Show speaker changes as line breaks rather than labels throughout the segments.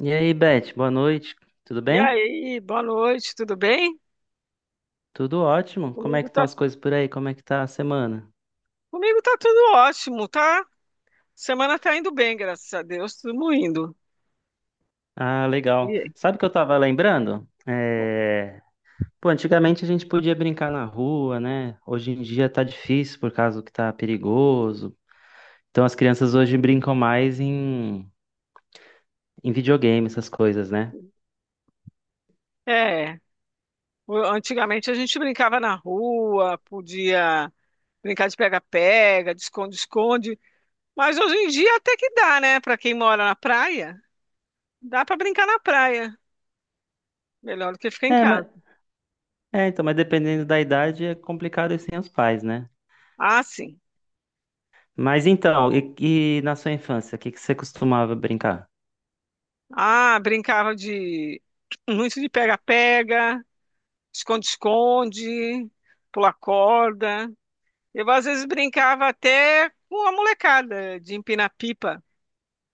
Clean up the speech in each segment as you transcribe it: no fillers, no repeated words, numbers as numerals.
E aí, Beth, boa noite. Tudo
E
bem?
aí, boa noite, tudo bem?
Tudo ótimo. Como é
Comigo
que estão
tá,
as coisas por aí? Como é que tá a semana?
comigo tá tudo ótimo, tá? Semana tá indo bem, graças a Deus, tudo indo.
Ah, legal.
E-
Sabe o que eu tava lembrando? Pô, antigamente a gente podia brincar na rua, né? Hoje em dia tá difícil por causa do que tá perigoso. Então as crianças hoje brincam mais em videogame, essas coisas, né?
é, Antigamente a gente brincava na rua, podia brincar de pega-pega, de esconde-esconde, mas hoje em dia até que dá, né? Para quem mora na praia, dá para brincar na praia, melhor do que ficar em
É, mas...
casa.
é, então, mas dependendo da idade é complicado sem os pais, né?
Ah, sim.
Mas então, e na sua infância, o que que você costumava brincar?
Ah, brincava de muito de pega-pega, esconde-esconde, pular corda. Eu às vezes brincava até com a molecada de empinar pipa.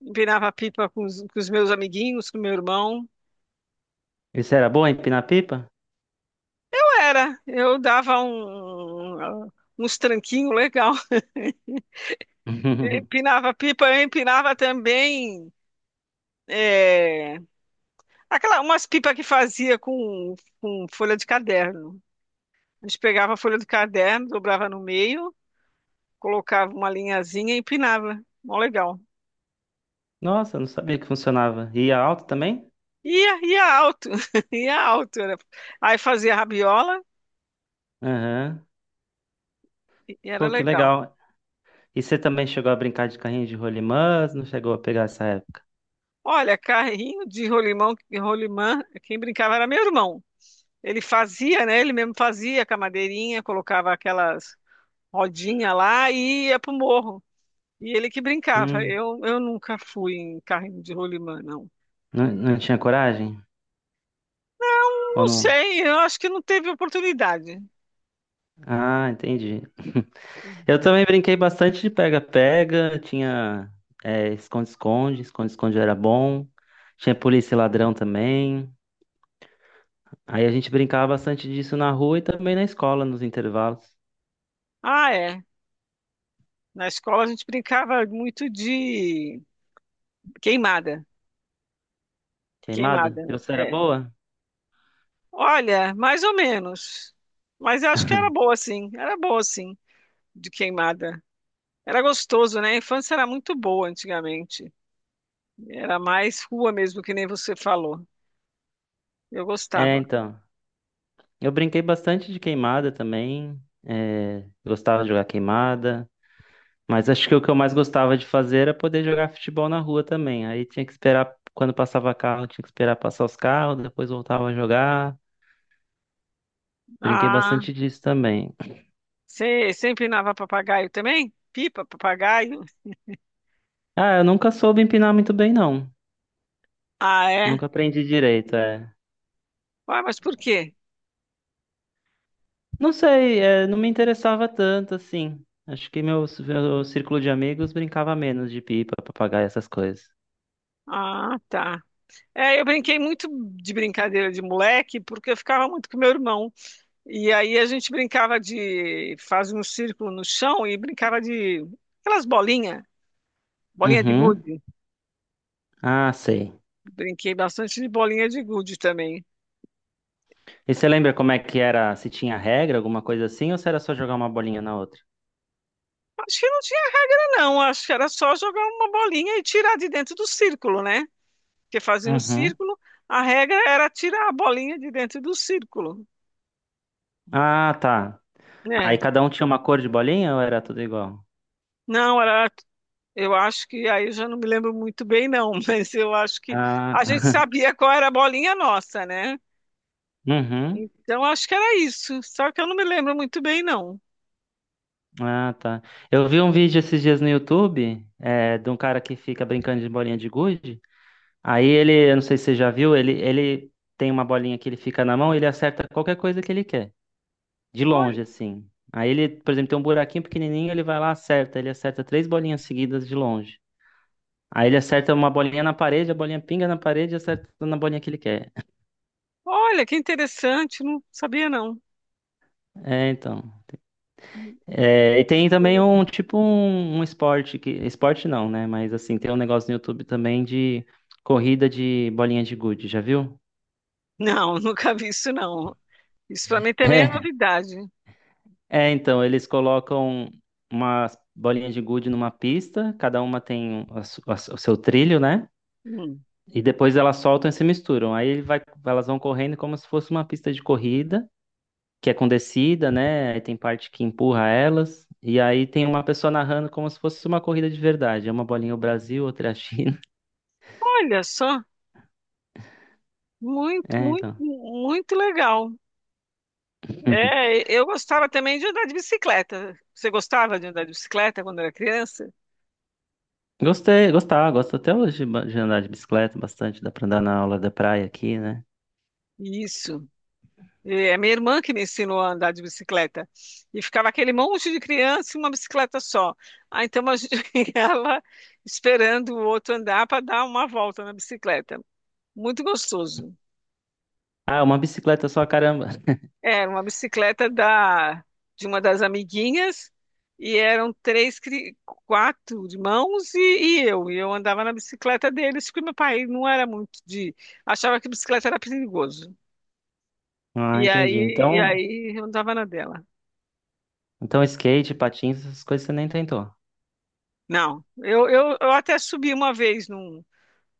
Empinava pipa com os meus amiguinhos, com meu irmão.
Isso era bom, empinar pipa?
Era, eu dava uns tranquinhos legal. Empinava pipa, eu empinava também é, aquela, umas pipas que fazia com folha de caderno. A gente pegava a folha de caderno, dobrava no meio, colocava uma linhazinha e empinava. Mó legal.
Nossa, eu não sabia que funcionava. E a alta também?
Ia alto, ia alto. Era. Aí fazia rabiola.
Aham.
E era
Pô, que
legal.
legal. E você também chegou a brincar de carrinho de rolimãs? Não chegou a pegar essa época?
Olha, carrinho de rolimão, rolimã, quem brincava era meu irmão. Ele fazia, né? Ele mesmo fazia com a madeirinha, colocava aquelas rodinhas lá e ia pro morro. E ele que brincava.
Hum,
Eu nunca fui em carrinho de rolimã, não.
não, não tinha coragem? Ou
Não
não?
sei, eu acho que não teve oportunidade.
Ah, entendi. Eu também brinquei bastante de pega-pega, tinha esconde-esconde, esconde-esconde era bom, tinha polícia e ladrão também. Aí a gente brincava bastante disso na rua e também na escola, nos intervalos.
Ah, é. Na escola a gente brincava muito de queimada.
Queimada?
Queimada,
E você era
é.
boa?
Olha, mais ou menos. Mas eu acho que era boa, sim. Era boa, sim, de queimada. Era gostoso, né? A infância era muito boa antigamente. Era mais rua mesmo, que nem você falou. Eu
É,
gostava.
então. Eu brinquei bastante de queimada também. Gostava de jogar queimada. Mas acho que o que eu mais gostava de fazer era poder jogar futebol na rua também. Aí tinha que esperar, quando passava carro, tinha que esperar passar os carros, depois voltava a jogar. Brinquei
Ah,
bastante disso também.
você sempre empinava papagaio também? Pipa, papagaio?
Ah, eu nunca soube empinar muito bem, não.
Ah, é?
Nunca aprendi direito, é.
Ué, mas por quê?
Não sei, é, não me interessava tanto assim. Acho que meu círculo de amigos brincava menos de pipa, papagaio, essas coisas.
Ah, tá. É, eu brinquei muito de brincadeira de moleque, porque eu ficava muito com meu irmão. E aí a gente brincava de... Fazia um círculo no chão e brincava de... Aquelas bolinhas. Bolinha de
Uhum.
gude.
Ah, sei.
Brinquei bastante de bolinha de gude também.
E você lembra como é que era? Se tinha regra, alguma coisa assim, ou se era só jogar uma bolinha na outra?
Acho que eu não Não, acho que era só jogar uma bolinha e tirar de dentro do círculo, né? Porque fazia um
Uhum.
círculo, a regra era tirar a bolinha de dentro do círculo,
Ah, tá. Aí
né?
cada um tinha uma cor de bolinha ou era tudo igual?
Não, era, eu acho que aí eu já não me lembro muito bem, não, mas eu acho que a gente
Ah,
sabia qual era a bolinha nossa, né?
uhum.
Então acho que era isso, só que eu não me lembro muito bem, não.
Ah, tá. Eu vi um vídeo esses dias no YouTube, de um cara que fica brincando de bolinha de gude. Aí ele, eu não sei se você já viu, ele tem uma bolinha que ele fica na mão, ele acerta qualquer coisa que ele quer, de longe
Olha,
assim. Aí ele, por exemplo, tem um buraquinho pequenininho, ele vai lá, acerta, ele acerta três bolinhas seguidas de longe. Aí ele acerta uma bolinha na parede, a bolinha pinga na parede e acerta na bolinha que ele quer.
Olha que interessante, não sabia, não.
É, então. É, e tem também um tipo um esporte que. Esporte não, né? Mas assim, tem um negócio no YouTube também de corrida de bolinha de gude, já viu?
Não, nunca vi isso, não. Isso para mim também é novidade.
Então, eles colocam umas bolinhas de gude numa pista, cada uma tem o, su- a su- o seu trilho, né?
Hum.
E depois elas soltam e se misturam. Aí ele vai, elas vão correndo como se fosse uma pista de corrida. Que é com descida, né? Aí tem parte que empurra elas. E aí tem uma pessoa narrando como se fosse uma corrida de verdade. É uma bolinha o Brasil, outra é a China.
Olha só.
É, então.
Muito legal.
Uhum.
É, eu gostava também de andar de bicicleta. Você gostava de andar de bicicleta quando era criança?
Gostei, gostava, gosto até hoje de de andar de bicicleta bastante. Dá pra andar na aula da praia aqui, né?
Isso. É a minha irmã que me ensinou a andar de bicicleta. E ficava aquele monte de criança e uma bicicleta só. Ah, então a gente, ela esperando o outro andar para dar uma volta na bicicleta. Muito gostoso.
Ah, uma bicicleta só, caramba.
Era uma bicicleta da de uma das amiguinhas e eram três, quatro irmãos e eu. E eu andava na bicicleta deles porque meu pai não era muito de... Achava que bicicleta era perigoso.
Ah, entendi.
E
Então,
aí eu andava na dela.
então skate, patins, essas coisas você nem tentou.
Não, eu até subi uma vez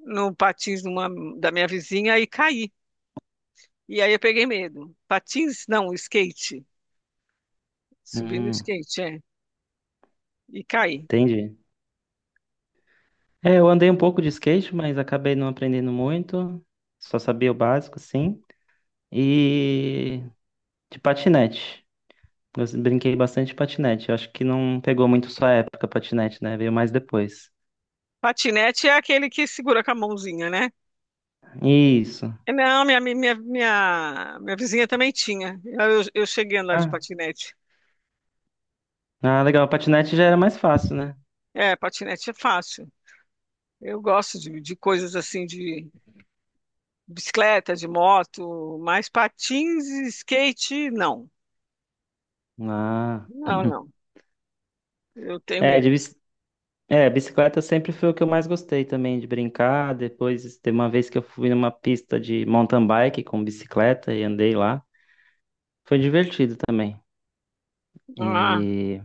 num patins numa, da minha vizinha e caí. E aí eu peguei medo. Patins, não, skate. Subi no
Hum,
skate, é. E caí.
entendi. É, eu andei um pouco de skate, mas acabei não aprendendo muito. Só sabia o básico, sim. E de patinete. Eu brinquei bastante de patinete. Eu acho que não pegou muito sua época, patinete, né? Veio mais depois.
Patinete é aquele que segura com a mãozinha, né?
Isso.
Não, minha vizinha também tinha. Eu cheguei a andar de
Ah,
patinete.
ah, legal. Patinete já era mais fácil, né?
É, patinete é fácil. Eu gosto de coisas assim, de bicicleta, de moto, mas patins e skate, não.
Ah.
Não, não. Eu tenho
É, de
medo.
bici... Bicicleta sempre foi o que eu mais gostei também de brincar. Depois, teve uma vez que eu fui numa pista de mountain bike com bicicleta e andei lá. Foi divertido também.
Ah,
E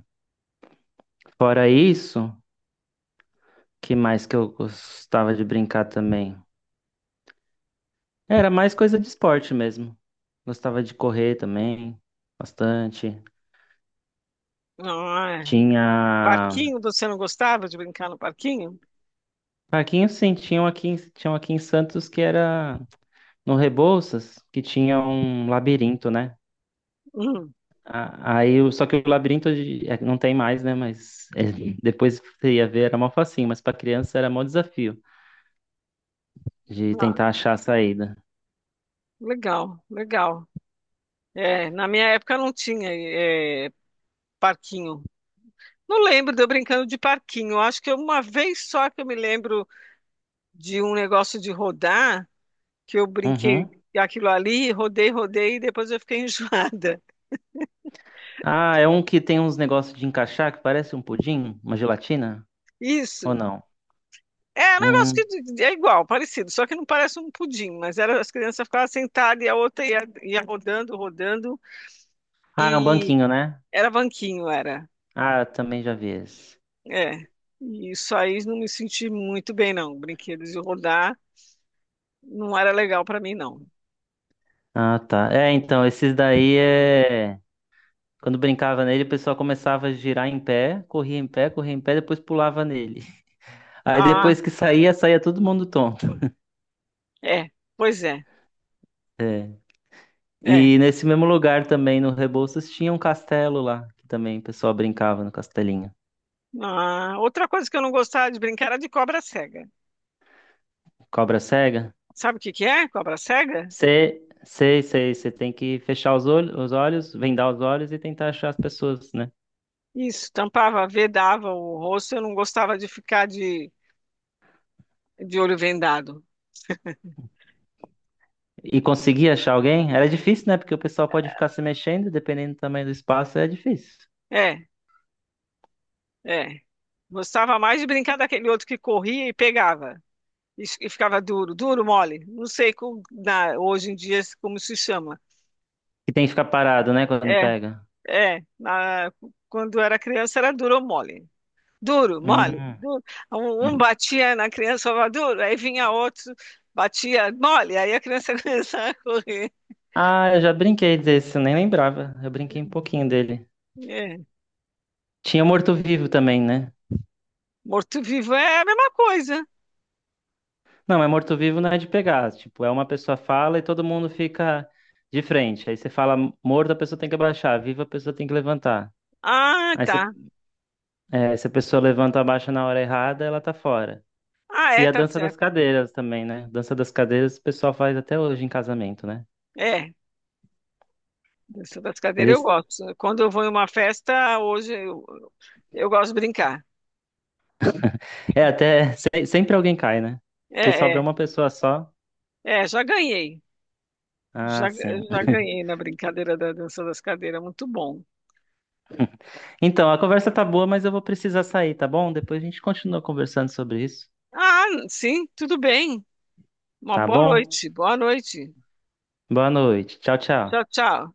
fora isso, que mais que eu gostava de brincar também? Era mais coisa de esporte mesmo. Gostava de correr também, bastante.
ah, é.
Tinha
Parquinho, você não gostava de brincar no parquinho?
parquinhos, sim, tinham aqui em Santos que era no Rebouças, que tinha um labirinto, né?
Hum,
Só que o labirinto não tem mais, né? Mas é, depois você ia ver, era mó facinho, mas pra criança era mó desafio de
ah,
tentar achar a saída.
legal, legal. É, na minha época não tinha, parquinho. Não lembro de eu brincando de parquinho. Acho que uma vez só que eu me lembro de um negócio de rodar, que eu brinquei
Uhum.
aquilo ali, rodei e depois eu fiquei enjoada.
Ah, é um que tem uns negócios de encaixar que parece um pudim, uma gelatina? Ou
Isso.
não?
É um negócio
Hum.
que é igual, parecido, só que não parece um pudim, mas era, as crianças ficavam sentadas e a outra ia rodando, rodando,
Ah, é um banquinho,
e
né?
era banquinho, era.
Ah, eu também já vi esse.
É. E isso aí não me senti muito bem, não. Brinquedos de rodar não era legal para mim, não.
Ah, tá. É, então, esses daí é. Quando brincava nele, o pessoal começava a girar em pé, corria em pé, corria em pé, depois pulava nele. Aí
Ah,
depois que saía, saía todo mundo tonto.
é. Pois é.
É.
É.
E nesse mesmo lugar também, no Rebouças, tinha um castelo lá, que também o pessoal brincava no castelinho.
Ah, outra coisa que eu não gostava de brincar era de cobra cega.
Cobra cega?
Sabe o que que é? Cobra cega?
Você, sei, sei, você tem que fechar os olhos, vendar os olhos e tentar achar as pessoas, né?
Isso, tampava, vedava o rosto. Eu não gostava de ficar de olho vendado.
E conseguia achar alguém? Era difícil, né? Porque o pessoal pode ficar se mexendo, dependendo do tamanho do espaço, é difícil.
É, é. Gostava mais de brincar daquele outro que corria e pegava. E ficava duro, duro, mole. Não sei como, hoje em dia como se chama.
E tem que ficar parado, né? Quando
É,
pega.
é. Quando era criança era duro ou mole. Duro, mole,
Hum.
duro. Um
Hum.
batia na criança, falava duro, aí vinha outro, batia mole, aí a criança começava a correr.
Ah, eu já brinquei desse, eu nem lembrava. Eu brinquei um pouquinho dele.
É.
Tinha morto-vivo também, né?
Morto-vivo é a mesma coisa.
Não, é morto-vivo não é de pegar. Tipo, é uma pessoa fala e todo mundo fica de frente. Aí você fala morto, a pessoa tem que abaixar. Viva, a pessoa tem que levantar.
Ah,
Aí
tá.
é, se a pessoa levanta ou abaixa na hora errada, ela tá fora.
Ah,
E
é,
a
tá
dança das
certo.
cadeiras também, né? Dança das cadeiras o pessoal faz até hoje em casamento, né?
É, dança das cadeiras eu
Eles...
gosto. Quando eu vou em uma festa, eu gosto de brincar.
É, até se- sempre alguém cai, né?
É,
Que sobra
é,
uma pessoa só.
é, já ganhei.
Ah, sim.
Já ganhei na brincadeira da dança das cadeiras. Muito bom.
Então, a conversa tá boa, mas eu vou precisar sair, tá bom? Depois a gente continua conversando sobre isso,
Ah, sim, tudo bem. Uma
tá
boa
bom?
noite. Boa noite.
Boa noite. Tchau, tchau.
Tchau, tchau.